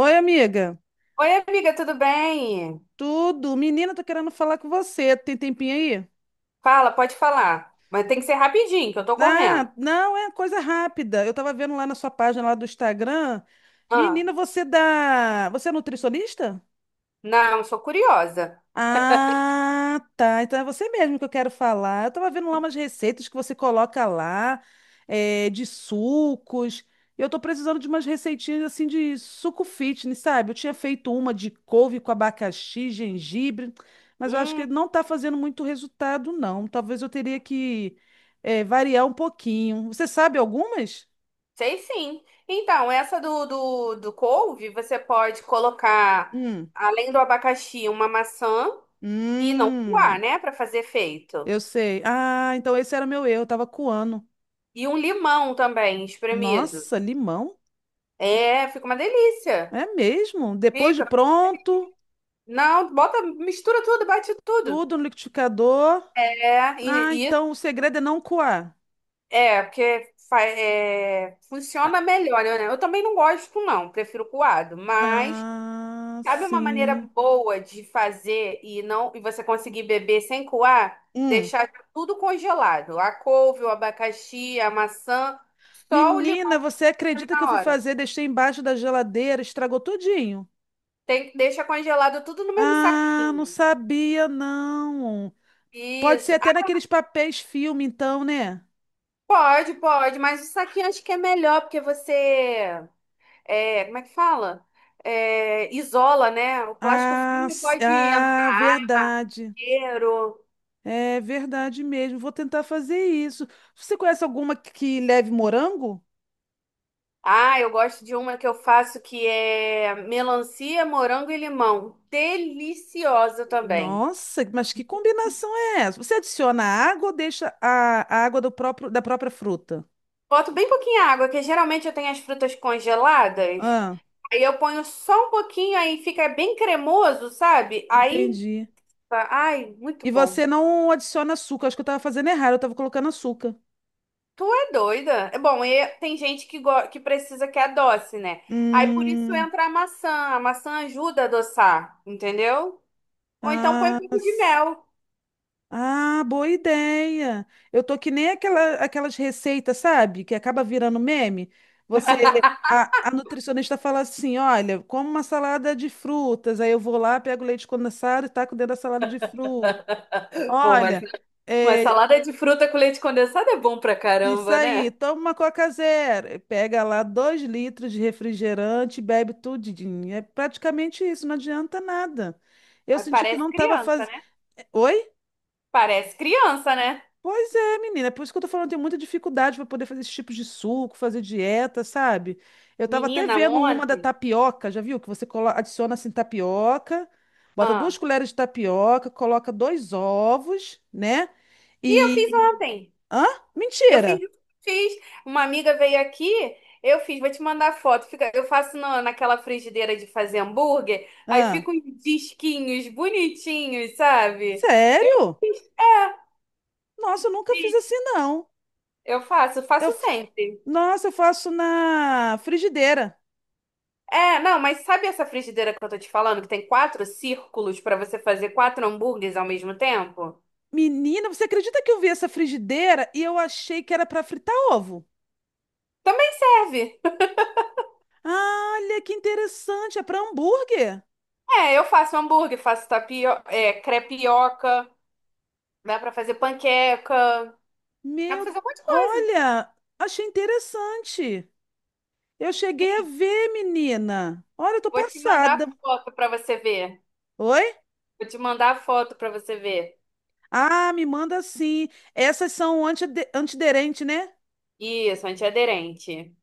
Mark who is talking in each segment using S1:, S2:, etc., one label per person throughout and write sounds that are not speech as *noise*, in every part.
S1: Oi, amiga.
S2: Oi, amiga, tudo bem?
S1: Tudo? Menina, tô querendo falar com você. Tem tempinho aí?
S2: Fala, pode falar. Mas tem que ser rapidinho, que eu tô correndo.
S1: Ah, não, é coisa rápida. Eu tava vendo lá na sua página lá do Instagram.
S2: Ah,
S1: Menina, você dá. Você é nutricionista?
S2: não, sou curiosa.
S1: Ah, tá. Então é você mesmo que eu quero falar. Eu tava vendo lá umas receitas que você coloca lá, de sucos. Eu tô precisando de umas receitinhas assim de suco fitness, sabe? Eu tinha feito uma de couve com abacaxi, gengibre, mas eu acho que
S2: Hum,
S1: não tá fazendo muito resultado, não. Talvez eu teria que, variar um pouquinho. Você sabe algumas?
S2: sei sim. Então, essa do couve, você pode colocar,
S1: Hum.
S2: além do abacaxi, uma maçã e não coar,
S1: Hum.
S2: né? Pra fazer efeito.
S1: Eu sei. Ah, então esse era meu Eu tava coando.
S2: E um limão também, espremido.
S1: Nossa, limão?
S2: É, fica uma delícia.
S1: É mesmo? Depois de
S2: Fica.
S1: pronto,
S2: Não, bota, mistura tudo, bate tudo.
S1: tudo no liquidificador.
S2: É,
S1: Ah,
S2: e,
S1: então o segredo é não coar.
S2: é, porque é,
S1: Ah,
S2: funciona melhor, né? Eu também não gosto, não, prefiro coado, mas
S1: ah,
S2: sabe uma maneira
S1: sim.
S2: boa de fazer e não e você conseguir beber sem coar?
S1: Hum.
S2: Deixar tudo congelado. A couve, o abacaxi, a maçã, só o limão
S1: Menina, você acredita que eu
S2: na
S1: fui
S2: hora.
S1: fazer, deixei embaixo da geladeira, estragou tudinho?
S2: Tem que deixar congelado tudo no mesmo
S1: Ah, não
S2: saquinho.
S1: sabia, não. Pode ser
S2: Isso.
S1: até
S2: Ah,
S1: naqueles papéis filme, então, né?
S2: pode, pode, mas o saquinho acho que é melhor, porque como é que fala? É, isola, né? O plástico filme pode
S1: Ah,
S2: entrar
S1: verdade.
S2: inteiro.
S1: É verdade mesmo. Vou tentar fazer isso. Você conhece alguma que leve morango?
S2: Ah, eu gosto de uma que eu faço que é melancia, morango e limão. Deliciosa também.
S1: Nossa, mas que combinação é essa? Você adiciona água ou deixa a água do próprio, da própria fruta?
S2: Boto bem pouquinho água, que geralmente eu tenho as frutas congeladas.
S1: Ah,
S2: Aí eu ponho só um pouquinho, aí fica bem cremoso, sabe? Aí,
S1: entendi.
S2: tá, ai, muito
S1: E
S2: bom.
S1: você não adiciona açúcar. Acho que eu estava fazendo errado, eu estava colocando açúcar.
S2: Tu é doida? É bom, e tem gente que, que precisa que adoce, né? Aí por isso
S1: Hum,
S2: entra a maçã. A maçã ajuda a adoçar, entendeu? Ou então põe um
S1: ah,
S2: pouco de
S1: s-
S2: mel.
S1: ah, boa ideia. Eu tô que nem aquela, aquelas receitas, sabe? Que acaba virando meme. Você, a nutricionista fala assim: olha, como uma salada de frutas. Aí eu vou lá, pego leite condensado e taco dentro da salada de frutas.
S2: Pô,
S1: Olha,
S2: mas
S1: é,
S2: salada de fruta com leite condensado é bom pra
S1: isso
S2: caramba,
S1: aí,
S2: né?
S1: toma uma Coca Zero, pega lá dois litros de refrigerante e bebe tudinho. É praticamente isso, não adianta nada. Eu
S2: Aí
S1: senti que não
S2: parece
S1: estava
S2: criança,
S1: fazendo.
S2: né?
S1: Oi?
S2: Parece criança, né?
S1: Pois é, menina, é por isso que eu tô falando, eu tenho muita dificuldade para poder fazer esse tipo de suco, fazer dieta, sabe? Eu tava até
S2: Menina,
S1: vendo uma da
S2: ontem.
S1: tapioca, já viu? Que você adiciona assim tapioca, bota duas
S2: Ah,
S1: colheres de tapioca, coloca dois ovos, né?
S2: e eu fiz
S1: E.
S2: ontem.
S1: Hã?
S2: Eu fiz,
S1: Mentira!
S2: fiz. Uma amiga veio aqui, eu fiz, vou te mandar foto. Fica, eu faço naquela frigideira de fazer hambúrguer, aí
S1: Hã?
S2: fica uns disquinhos bonitinhos, sabe? Eu
S1: Sério? Nossa, eu nunca fiz
S2: fiz.
S1: assim, não.
S2: Eu faço,
S1: Eu,
S2: faço
S1: f-
S2: sempre.
S1: nossa, eu faço na frigideira.
S2: É, não, mas sabe essa frigideira que eu tô te falando, que tem quatro círculos pra você fazer quatro hambúrgueres ao mesmo tempo?
S1: Menina, você acredita que eu vi essa frigideira e eu achei que era para fritar ovo?
S2: Também serve.
S1: Ah, olha que interessante, é para hambúrguer.
S2: É, eu faço hambúrguer, faço é, crepioca, dá pra fazer panqueca, dá pra fazer
S1: Meu,
S2: um monte de coisa.
S1: olha, achei interessante. Eu cheguei a ver, menina. Olha, eu tô
S2: Vou te mandar
S1: passada.
S2: foto para você ver.
S1: Oi?
S2: Vou te mandar foto para você ver.
S1: Ah, me manda sim. Essas são antiderente, né?
S2: Isso, antiaderente.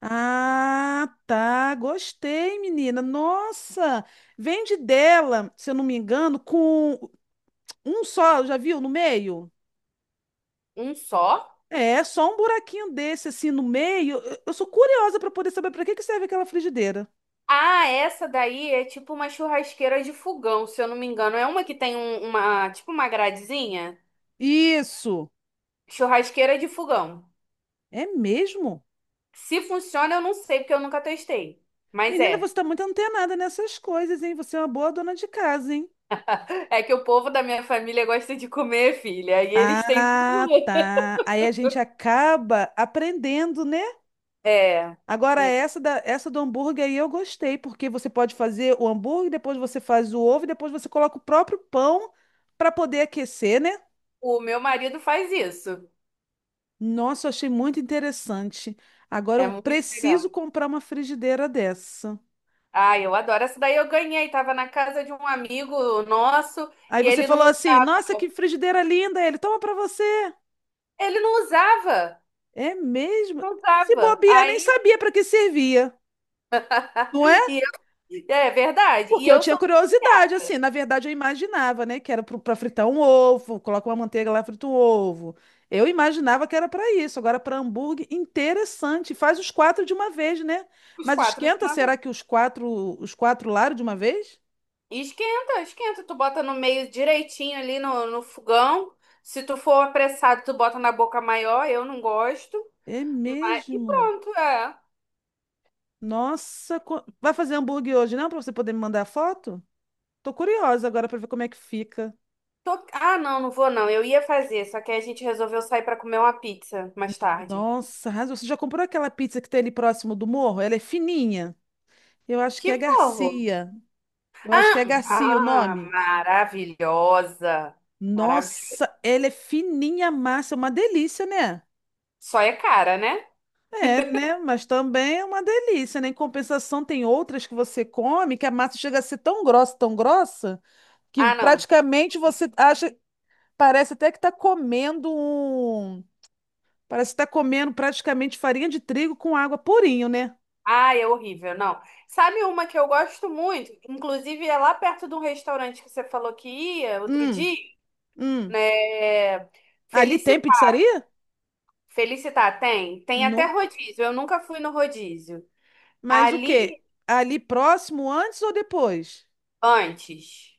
S1: Ah, tá. Gostei, menina. Nossa, vende dela, se eu não me engano, com um só, já viu, no meio?
S2: Um só?
S1: É, só um buraquinho desse assim no meio. Eu sou curiosa para poder saber para que serve aquela frigideira.
S2: Ah, essa daí é tipo uma churrasqueira de fogão, se eu não me engano. É uma que tem uma, tipo uma gradezinha.
S1: Isso.
S2: Churrasqueira de fogão.
S1: É mesmo?
S2: Se funciona, eu não sei, porque eu nunca testei. Mas
S1: Menina,
S2: é.
S1: você tá muito antenada nessas coisas, hein? Você é uma boa dona de casa, hein?
S2: É que o povo da minha família gosta de comer, filha. E eles têm
S1: Ah,
S2: tudo.
S1: tá. Aí a gente acaba aprendendo, né?
S2: É.
S1: Agora,
S2: É.
S1: essa, da, essa do hambúrguer aí eu gostei, porque você pode fazer o hambúrguer, depois você faz o ovo, e depois você coloca o próprio pão para poder aquecer, né?
S2: O meu marido faz isso.
S1: Nossa, eu achei muito interessante. Agora
S2: É
S1: eu
S2: muito
S1: preciso
S2: legal.
S1: comprar uma frigideira dessa.
S2: Ah, eu adoro. Essa daí eu ganhei. Tava na casa de um amigo nosso
S1: Aí
S2: e
S1: você
S2: ele não
S1: falou assim:
S2: usava.
S1: nossa, que frigideira linda! Ele toma para você.
S2: Ele não usava.
S1: É mesmo?
S2: Não
S1: Se
S2: usava.
S1: bobear, nem
S2: Aí,
S1: sabia para que servia,
S2: *laughs*
S1: não é?
S2: e é verdade. E
S1: Porque eu
S2: eu
S1: tinha
S2: sou
S1: curiosidade,
S2: viciada.
S1: assim, na verdade eu imaginava, né, que era pra fritar um ovo, coloca uma manteiga lá, frita um ovo. Eu imaginava que era pra isso. Agora, pra hambúrguer, interessante. Faz os quatro de uma vez, né?
S2: Os
S1: Mas
S2: quatro de
S1: esquenta,
S2: uma vez.
S1: será que os quatro lados de uma vez?
S2: E esquenta, esquenta. Tu bota no meio direitinho ali no fogão. Se tu for apressado, tu bota na boca maior. Eu não gosto.
S1: É
S2: Mas, e
S1: mesmo.
S2: pronto, é.
S1: Nossa, vai fazer hambúrguer hoje, não? Pra você poder me mandar a foto? Tô curiosa agora pra ver como é que fica.
S2: Ah, não, não vou não. Eu ia fazer, só que a gente resolveu sair pra comer uma pizza mais tarde.
S1: Nossa, arrasou. Você já comprou aquela pizza que tem ali próximo do morro? Ela é fininha. Eu acho que
S2: Que
S1: é
S2: bom!
S1: Garcia. Eu acho que é Garcia o
S2: Ah,
S1: nome.
S2: maravilhosa. Maravilhosa.
S1: Nossa, ela é fininha a massa, é uma delícia, né?
S2: Só é cara, né?
S1: É, né? Mas também é uma delícia, né? Em compensação, tem outras que você come que a massa chega a ser tão grossa, que
S2: Ah, não.
S1: praticamente você acha, parece até que tá comendo um, parece que tá comendo praticamente farinha de trigo com água purinho, né?
S2: Ah, é horrível, não. Sabe uma que eu gosto muito? Inclusive, é lá perto de um restaurante que você falou que ia outro
S1: Hum,
S2: dia, né?
S1: hum. Ali tem
S2: Felicitar.
S1: pizzaria?
S2: Felicitar tem? Tem até
S1: Nunca.
S2: rodízio. Eu nunca fui no rodízio.
S1: Mas o
S2: Ali
S1: quê? Ali próximo, antes ou depois?
S2: antes.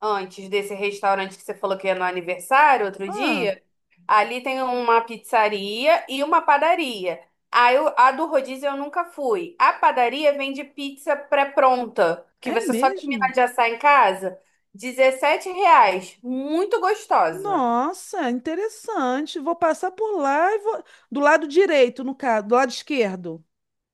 S2: Antes desse restaurante que você falou que ia no aniversário outro
S1: Ah.
S2: dia, ali tem uma pizzaria e uma padaria. A do rodízio eu nunca fui. A padaria vende pizza pré-pronta, que
S1: É
S2: você só termina
S1: mesmo?
S2: de assar em casa, 17 reais, muito gostosa.
S1: Nossa, interessante. Vou passar por lá e vou. Do lado direito, no caso, do lado esquerdo.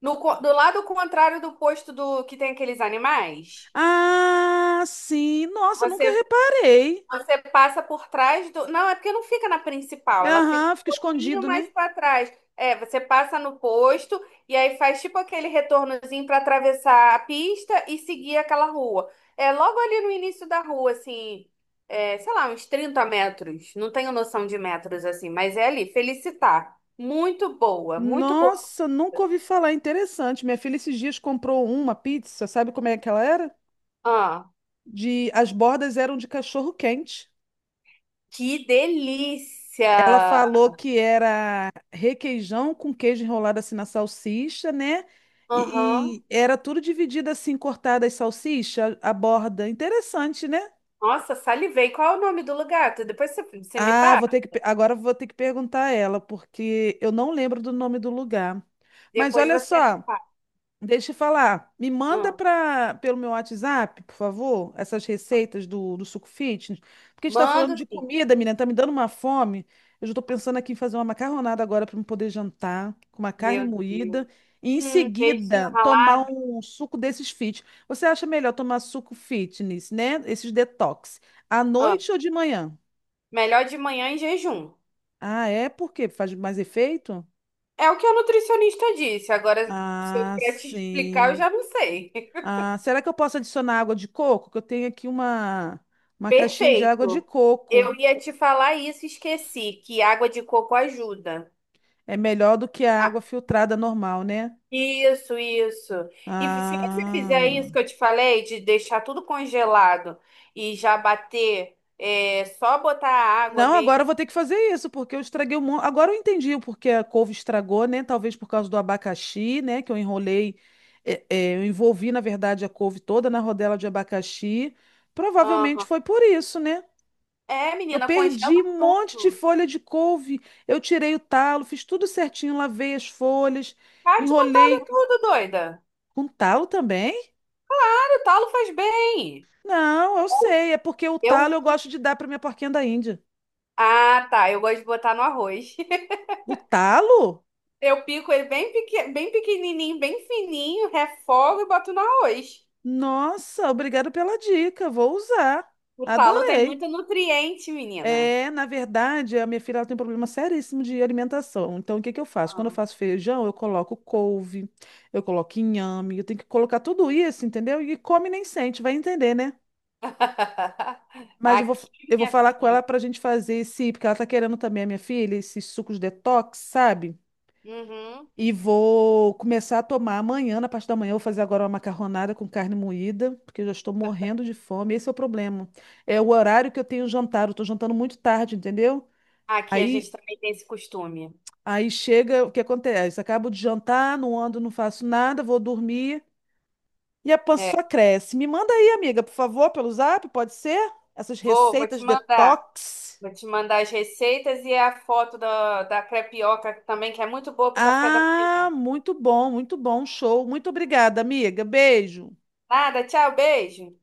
S2: No, co- do lado contrário do posto do que tem aqueles animais,
S1: Ah, sim. Nossa, nunca
S2: você
S1: reparei.
S2: você passa por trás do. Não, é porque não fica na principal,
S1: É,
S2: ela fica
S1: aham, fica
S2: um pouquinho
S1: escondido,
S2: mais
S1: né?
S2: para trás. É, você passa no posto e aí faz tipo aquele retornozinho para atravessar a pista e seguir aquela rua. É logo ali no início da rua, assim, é, sei lá, uns 30 metros. Não tenho noção de metros assim, mas é ali. Felicitar. Muito boa, muito boa.
S1: Nossa, nunca ouvi falar. Interessante. Minha filha esses dias comprou uma pizza, sabe como é que ela era?
S2: Ah,
S1: De... As bordas eram de cachorro quente.
S2: que
S1: Ela
S2: delícia!
S1: falou que era requeijão com queijo enrolado assim na salsicha, né?
S2: Aham.
S1: E era tudo dividido assim, cortada as salsicha, a borda. Interessante, né?
S2: Nossa, salivei. Qual é o nome do lugar? Depois você me
S1: Ah,
S2: passa.
S1: vou ter agora vou ter que perguntar a ela, porque eu não lembro do nome do lugar. Mas
S2: Depois
S1: olha
S2: você me
S1: só.
S2: fala.
S1: Deixa eu falar. Me manda
S2: Ah,
S1: pra, pelo meu WhatsApp, por favor, essas receitas do Suco Fitness. Porque a gente tá falando
S2: manda
S1: de
S2: sim.
S1: comida, menina, tá me dando uma fome. Eu já tô pensando aqui em fazer uma macarronada agora para eu poder jantar, com uma carne
S2: Meu Deus.
S1: moída. E em
S2: Peixinho
S1: seguida,
S2: ralado.
S1: tomar um suco desses fit. Você acha melhor tomar suco fitness, né? Esses detox. À
S2: Ah,
S1: noite ou de manhã?
S2: melhor de manhã em jejum.
S1: Ah, é? Por quê? Faz mais efeito?
S2: É o que a nutricionista disse. Agora, se eu
S1: Ah,
S2: quer te explicar, eu
S1: sim.
S2: já não sei. *laughs*
S1: Ah, será que eu posso adicionar água de coco? Que eu tenho aqui uma caixinha de água de
S2: Perfeito. Eu
S1: coco.
S2: ia te falar isso e esqueci, que água de coco ajuda.
S1: É melhor do que a
S2: Ah,
S1: água filtrada normal, né?
S2: isso, isso. E se você fizer
S1: Ah.
S2: isso que eu te falei, de deixar tudo congelado e já bater, é, só botar a água
S1: Não, agora
S2: mesmo.
S1: eu vou ter que fazer isso, porque eu estraguei um monte. Agora eu entendi o porquê a couve estragou, né? Talvez por causa do abacaxi, né? Que eu enrolei. Eu envolvi, na verdade, a couve toda na rodela de abacaxi. Provavelmente foi por isso, né?
S2: É,
S1: Eu
S2: menina, congela
S1: perdi um monte de
S2: tudo.
S1: folha de couve. Eu tirei o talo, fiz tudo certinho, lavei as folhas,
S2: Vai te contar ali
S1: enrolei
S2: tudo, doida.
S1: com talo também?
S2: O talo faz bem.
S1: Não, eu sei, é porque o
S2: Eu
S1: talo eu
S2: uso.
S1: gosto de dar para minha porquinha da Índia.
S2: Ah, tá. Eu gosto de botar no arroz. *laughs*
S1: O talo?
S2: Eu pico ele bem, bem pequenininho, bem fininho, refogo e boto no arroz.
S1: Nossa, obrigado pela dica, vou usar.
S2: O talo tem
S1: Adorei.
S2: muito nutriente, menina.
S1: É, na verdade, a minha filha ela tem um problema seríssimo de alimentação. Então, o que que eu faço? Quando eu
S2: Ah.
S1: faço feijão, eu coloco couve, eu coloco inhame, eu tenho que colocar tudo isso, entendeu? E come nem sente, vai entender, né?
S2: *laughs*
S1: Mas eu vou,
S2: Aqui,
S1: eu vou
S2: minha
S1: falar com
S2: filha.
S1: ela pra gente fazer esse, porque ela tá querendo também, a minha filha, esses sucos detox, sabe?
S2: Uhum.
S1: E vou começar a tomar amanhã, na parte da manhã, eu vou fazer agora uma macarronada com carne moída, porque eu já estou morrendo de fome. Esse é o problema. É o horário que eu tenho jantar, eu tô jantando muito tarde, entendeu?
S2: Aqui a
S1: Aí,
S2: gente também tem esse costume.
S1: aí chega, o que acontece? Acabo de jantar, não ando, não faço nada, vou dormir e a pança
S2: É.
S1: só cresce. Me manda aí, amiga, por favor, pelo zap, pode ser? Essas
S2: Vou te
S1: receitas
S2: mandar.
S1: detox.
S2: Vou te mandar as receitas e a foto da crepioca também, que é muito boa pro café da manhã.
S1: Ah, muito bom, show. Muito obrigada, amiga. Beijo.
S2: Nada, tchau, beijo.